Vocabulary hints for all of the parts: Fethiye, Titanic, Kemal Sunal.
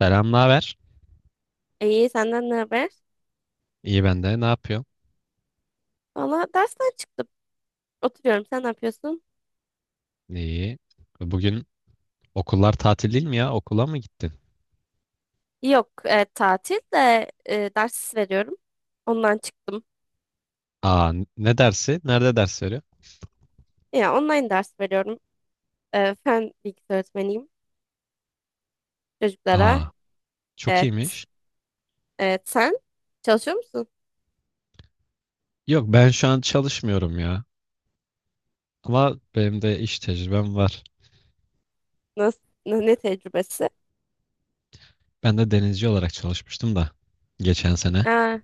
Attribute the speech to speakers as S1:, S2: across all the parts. S1: Selam, ne haber?
S2: İyi, senden ne haber?
S1: İyi ben de. Ne yapıyorsun?
S2: Valla dersten çıktım. Oturuyorum. Sen ne yapıyorsun?
S1: İyi. Bugün okullar tatil değil mi ya? Okula mı gittin?
S2: Yok, tatil de ders veriyorum. Ondan çıktım.
S1: Aa, ne dersi? Nerede ders veriyor?
S2: Ya online ders veriyorum. Fen bilgisi öğretmeniyim çocuklara.
S1: Aa, çok
S2: Evet.
S1: iyiymiş.
S2: Evet, sen çalışıyor musun?
S1: Yok, ben şu an çalışmıyorum ya. Ama benim de iş tecrübem var.
S2: Nasıl, ne tecrübesi?
S1: Ben de denizci olarak çalışmıştım da geçen sene.
S2: Aa,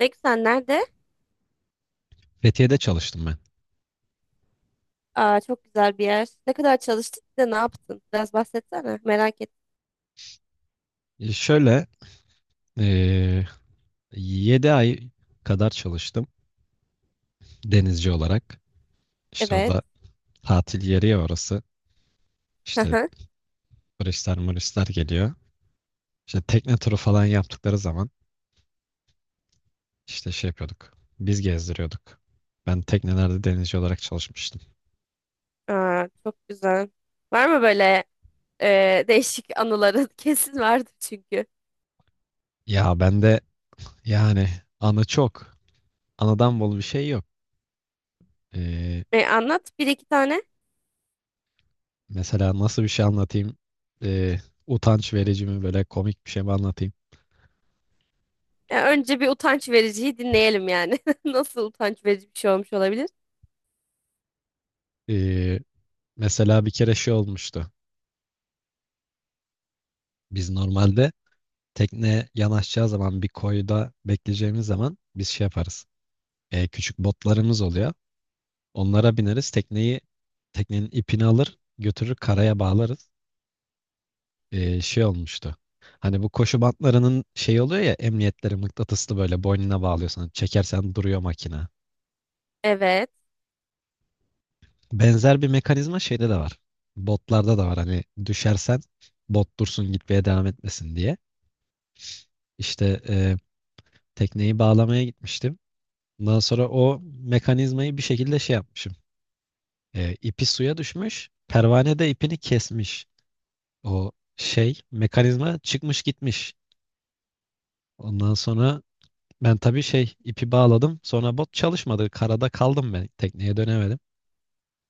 S2: ne güzel. Nerede?
S1: Fethiye'de çalıştım ben.
S2: Aa, çok güzel bir yer. Ne kadar çalıştın? Bir de ne yaptın? Biraz bahsetsene. Merak et.
S1: E, Şöyle, eee 7 ay kadar çalıştım denizci olarak. İşte
S2: Evet.
S1: orada tatil yeri ya orası. İşte
S2: Aha.
S1: turistler muristler geliyor. İşte tekne turu falan yaptıkları zaman işte şey yapıyorduk. Biz gezdiriyorduk. Ben teknelerde denizci olarak çalışmıştım.
S2: Aa, çok güzel. Var mı böyle? Değişik anıların kesin vardı çünkü.
S1: Ya ben de yani anı çok. Anıdan bol bir şey yok. Ee,
S2: Anlat bir iki tane.
S1: mesela nasıl bir şey anlatayım? Ee, utanç verici mi böyle komik bir şey mi anlatayım?
S2: Önce bir utanç vericiyi dinleyelim yani. Nasıl utanç verici bir şey olmuş olabilir?
S1: Ee, mesela bir kere şey olmuştu. Biz normalde tekne yanaşacağı zaman bir koyda bekleyeceğimiz zaman biz şey yaparız. Küçük botlarımız oluyor. Onlara bineriz. Teknenin ipini alır, götürür karaya bağlarız. Şey olmuştu. Hani bu koşu bantlarının şey oluyor ya, emniyetleri mıknatıslı böyle boynuna bağlıyorsun. Hani çekersen duruyor makine.
S2: Evet.
S1: Benzer bir mekanizma şeyde de var. Botlarda da var. Hani düşersen bot dursun, gitmeye devam etmesin diye. İşte e, tekneyi bağlamaya gitmiştim. Ondan sonra o mekanizmayı bir şekilde şey yapmışım. E, ipi suya düşmüş. Pervane de ipini kesmiş. O şey mekanizma çıkmış gitmiş. Ondan sonra ben tabii şey ipi bağladım. Sonra bot çalışmadı. Karada kaldım ben. Tekneye dönemedim.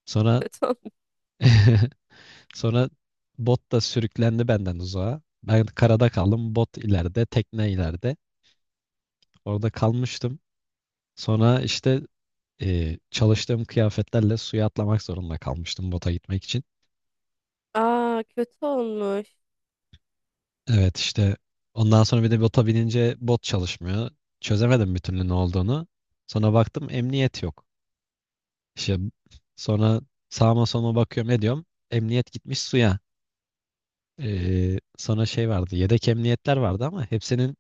S1: Sonra
S2: Kötü olmuş.
S1: sonra bot da sürüklendi benden uzağa. Ben karada kaldım. Bot ileride, tekne ileride. Orada kalmıştım. Sonra işte e, çalıştığım kıyafetlerle suya atlamak zorunda kalmıştım bota gitmek için.
S2: Aa, kötü olmuş.
S1: Evet, işte ondan sonra bir de bota binince bot çalışmıyor. Çözemedim bir türlü ne olduğunu. Sonra baktım emniyet yok. İşte sonra sağıma soluma bakıyorum ediyorum. Emniyet gitmiş suya. Sonra şey vardı. Yedek emniyetler vardı ama hepsinin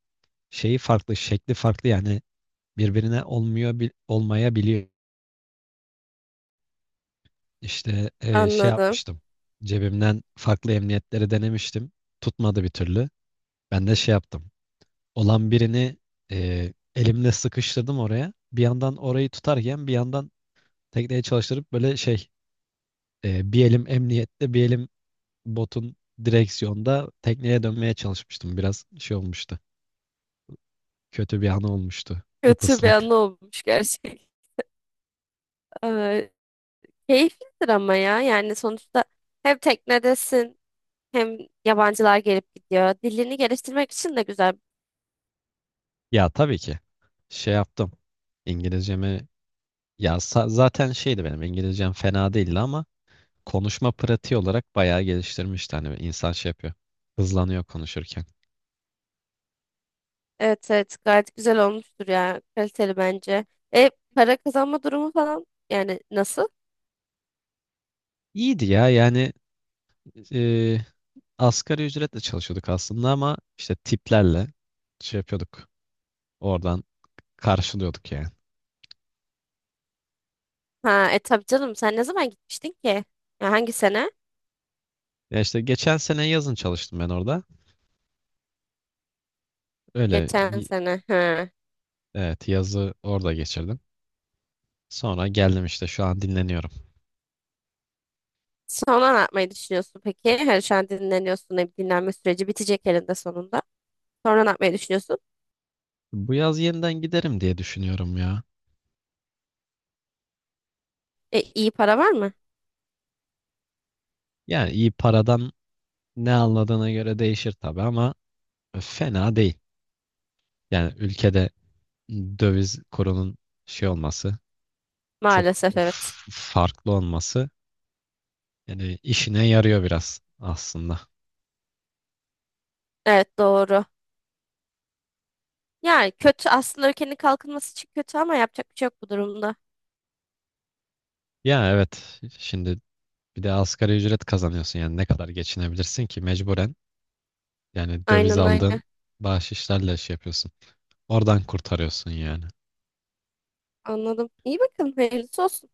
S1: şeyi farklı, şekli farklı, yani birbirine olmuyor olmayabiliyor. İşte şey
S2: Anladım.
S1: yapmıştım. Cebimden farklı emniyetleri denemiştim. Tutmadı bir türlü. Ben de şey yaptım. Olan birini elimle sıkıştırdım oraya. Bir yandan orayı tutarken bir yandan tekneyi çalıştırıp böyle şey, bir elim emniyette bir elim botun direksiyonda tekneye dönmeye çalışmıştım. Biraz şey olmuştu. Kötü bir an olmuştu.
S2: Kötü bir
S1: Ipaslak.
S2: anı olmuş gerçekten. Ee, Keyiflidir ama ya. Yani sonuçta hem teknedesin hem yabancılar gelip gidiyor. Dilini geliştirmek için de güzel.
S1: Ya tabii ki şey yaptım. İngilizcemi ya zaten şeydi, benim İngilizcem fena değildi ama konuşma pratiği olarak bayağı geliştirmişti. Hani insan şey yapıyor. Hızlanıyor konuşurken.
S2: Evet, evet, gayet güzel olmuştur ya. Kaliteli bence. E para kazanma durumu falan yani nasıl?
S1: İyiydi ya, yani e, asgari ücretle çalışıyorduk aslında ama işte tiplerle şey yapıyorduk. Oradan karşılıyorduk yani.
S2: Ha, e tabii canım, sen ne zaman gitmiştin ki? Ya hangi sene?
S1: Ya işte geçen sene yazın çalıştım ben orada. Öyle
S2: Geçen sene. Ha.
S1: evet, yazı orada geçirdim. Sonra geldim, işte şu an dinleniyorum.
S2: Sonra ne yapmayı düşünüyorsun peki? Her şu an dinleniyorsun. E, dinlenme süreci bitecek elinde sonunda. Sonra ne yapmayı düşünüyorsun?
S1: Bu yaz yeniden giderim diye düşünüyorum ya.
S2: E, iyi para var mı?
S1: Yani iyi paradan ne anladığına göre değişir tabii ama fena değil. Yani ülkede döviz kurunun şey olması, çok
S2: Maalesef evet.
S1: farklı olması yani işine yarıyor biraz aslında.
S2: Evet, doğru. Yani kötü aslında, ülkenin kalkınması için kötü ama yapacak bir şey yok bu durumda.
S1: Ya evet, şimdi bir de asgari ücret kazanıyorsun, yani ne kadar geçinebilirsin ki, mecburen yani döviz
S2: Aynen, aynen.
S1: aldığın bahşişlerle şey yapıyorsun. Oradan kurtarıyorsun yani.
S2: Anladım. İyi bakın. Hayırlısı olsun.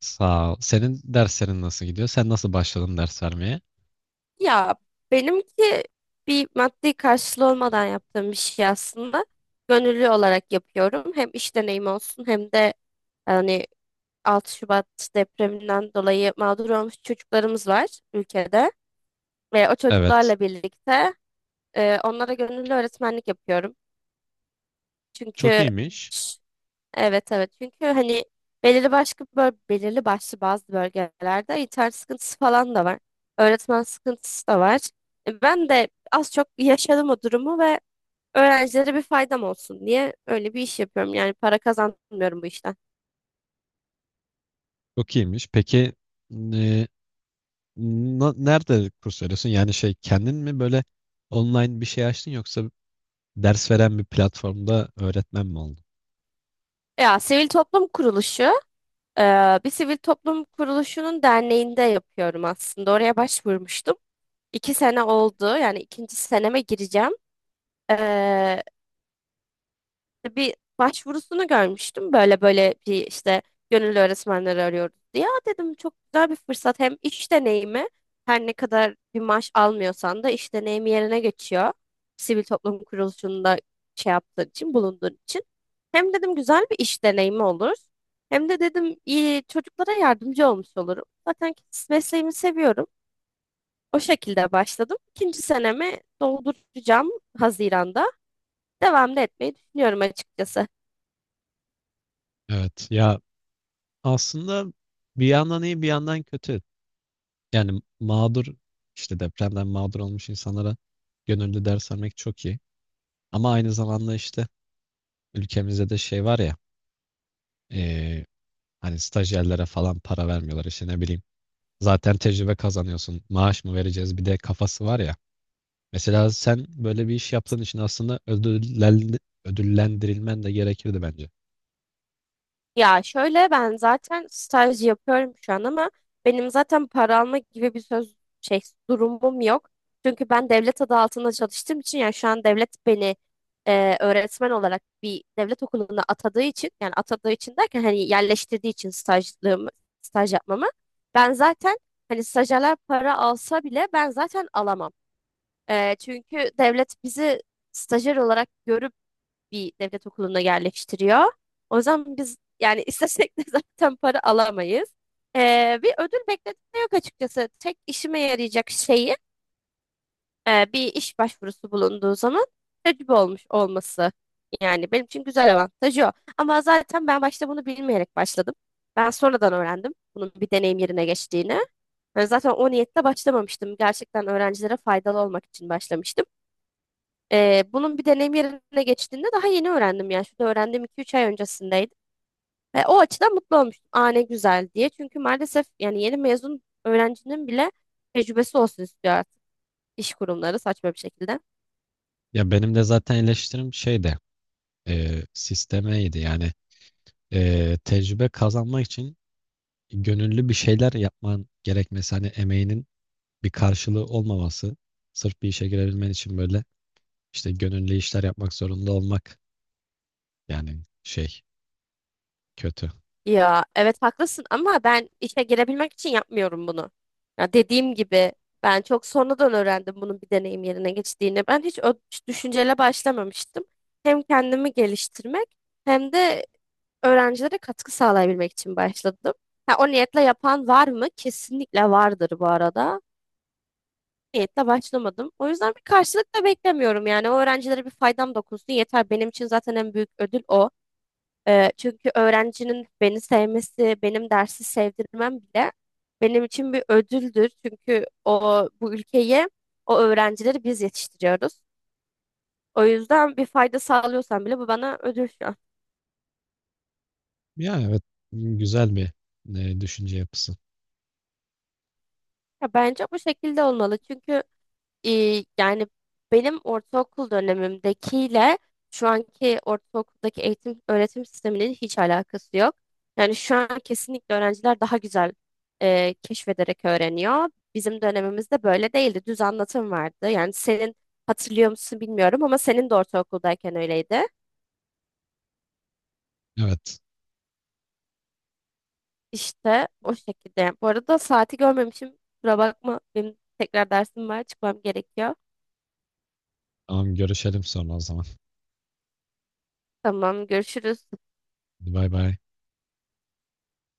S1: Sağ ol. Senin derslerin nasıl gidiyor? Sen nasıl başladın ders vermeye?
S2: Ya benimki bir maddi karşılığı olmadan yaptığım bir şey aslında. Gönüllü olarak yapıyorum. Hem iş deneyimi olsun hem de hani 6 Şubat depreminden dolayı mağdur olmuş çocuklarımız var ülkede. Ve o
S1: Evet.
S2: çocuklarla birlikte onlara gönüllü öğretmenlik yapıyorum.
S1: Çok
S2: Çünkü
S1: iyiymiş.
S2: evet, evet, çünkü hani belirli belirli başlı bazı bölgelerde internet sıkıntısı falan da var. Öğretmen sıkıntısı da var. E, ben de az çok yaşadım o durumu ve öğrencilere bir faydam olsun diye öyle bir iş yapıyorum. Yani para kazanmıyorum bu işten.
S1: Çok iyiymiş. Peki e, nerede kurs veriyorsun? Yani şey, kendin mi böyle online bir şey açtın yoksa ders veren bir platformda öğretmen mi oldun?
S2: Ya sivil toplum kuruluşu, e, bir sivil toplum kuruluşunun derneğinde yapıyorum aslında. Oraya başvurmuştum. İki sene oldu, yani ikinci seneme gireceğim. E, İşte bir başvurusunu görmüştüm. Böyle böyle bir işte gönüllü öğretmenleri arıyoruz diye. Aa dedim, çok güzel bir fırsat. Hem iş deneyimi, her ne kadar bir maaş almıyorsan da iş deneyimi yerine geçiyor. Sivil toplum kuruluşunda şey yaptığın için, bulunduğun için. Hem dedim güzel bir iş deneyimi olur. Hem de dedim iyi çocuklara yardımcı olmuş olurum. Zaten mesleğimi seviyorum. O şekilde başladım. İkinci senemi dolduracağım Haziran'da, devam da etmeyi düşünüyorum açıkçası.
S1: Evet. Ya aslında bir yandan iyi bir yandan kötü. Yani mağdur, işte depremden mağdur olmuş insanlara gönüllü ders vermek çok iyi. Ama aynı zamanda işte ülkemizde de şey var ya, eee, hani stajyerlere falan para vermiyorlar, işte ne bileyim. Zaten tecrübe kazanıyorsun. Maaş mı vereceğiz bir de kafası var ya. Mesela sen böyle bir iş yaptığın için aslında ödüllendirilmen de gerekirdi bence.
S2: Ya şöyle, ben zaten staj yapıyorum şu an ama benim zaten para alma gibi bir söz, şey, durumum yok. Çünkü ben devlet adı altında çalıştığım için, yani şu an devlet beni öğretmen olarak bir devlet okuluna atadığı için, yani atadığı için derken hani yerleştirdiği için stajlığımı, staj yapmamı, ben zaten, hani stajyerler para alsa bile ben zaten alamam. Çünkü devlet bizi stajyer olarak görüp bir devlet okuluna yerleştiriyor. O zaman biz yani istesek de zaten para alamayız. Bir ödül bekledim de yok açıkçası. Tek işime yarayacak şeyi, bir iş başvurusu bulunduğu zaman tecrübe olmuş olması. Yani benim için güzel avantajı o. Ama zaten ben başta bunu bilmeyerek başladım. Ben sonradan öğrendim bunun bir deneyim yerine geçtiğini. Yani zaten o niyetle başlamamıştım. Gerçekten öğrencilere faydalı olmak için başlamıştım. Bunun bir deneyim yerine geçtiğinde daha yeni öğrendim yani. Şurada öğrendiğim iki üç ay öncesindeydi. Ve o açıdan mutlu olmuştum. Aa ne güzel diye. Çünkü maalesef yani yeni mezun öğrencinin bile tecrübesi olsun istiyor artık iş kurumları saçma bir şekilde.
S1: Ya benim de zaten eleştirim şey de sistemeydi, yani tecrübe kazanmak için gönüllü bir şeyler yapman gerekmesi, hani emeğinin bir karşılığı olmaması, sırf bir işe girebilmen için böyle işte gönüllü işler yapmak zorunda olmak, yani şey, kötü.
S2: Ya evet, haklısın ama ben işe girebilmek için yapmıyorum bunu. Ya dediğim gibi ben çok sonradan öğrendim bunun bir deneyim yerine geçtiğini. Ben hiç o düşünceyle başlamamıştım. Hem kendimi geliştirmek hem de öğrencilere katkı sağlayabilmek için başladım. Ha, o niyetle yapan var mı? Kesinlikle vardır bu arada. Niyetle başlamadım. O yüzden bir karşılık da beklemiyorum. Yani o öğrencilere bir faydam dokunsun yeter. Benim için zaten en büyük ödül o. Çünkü öğrencinin beni sevmesi, benim dersi sevdirmem bile benim için bir ödüldür. Çünkü o bu ülkeyi, o öğrencileri biz yetiştiriyoruz. O yüzden bir fayda sağlıyorsam bile bu bana ödül şu an.
S1: Ya evet, güzel bir e, düşünce yapısı.
S2: Ya bence bu şekilde olmalı. Çünkü İyi, yani benim ortaokul dönemimdekiyle şu anki ortaokuldaki eğitim öğretim sisteminin hiç alakası yok. Yani şu an kesinlikle öğrenciler daha güzel keşfederek öğreniyor. Bizim dönemimizde böyle değildi. Düz anlatım vardı. Yani senin, hatırlıyor musun bilmiyorum ama senin de ortaokuldayken öyleydi.
S1: Evet,
S2: İşte o şekilde. Bu arada saati görmemişim. Kusura bakma. Benim tekrar dersim var. Çıkmam gerekiyor.
S1: tamam, görüşelim sonra o zaman.
S2: Tamam, görüşürüz.
S1: Hadi bay bay.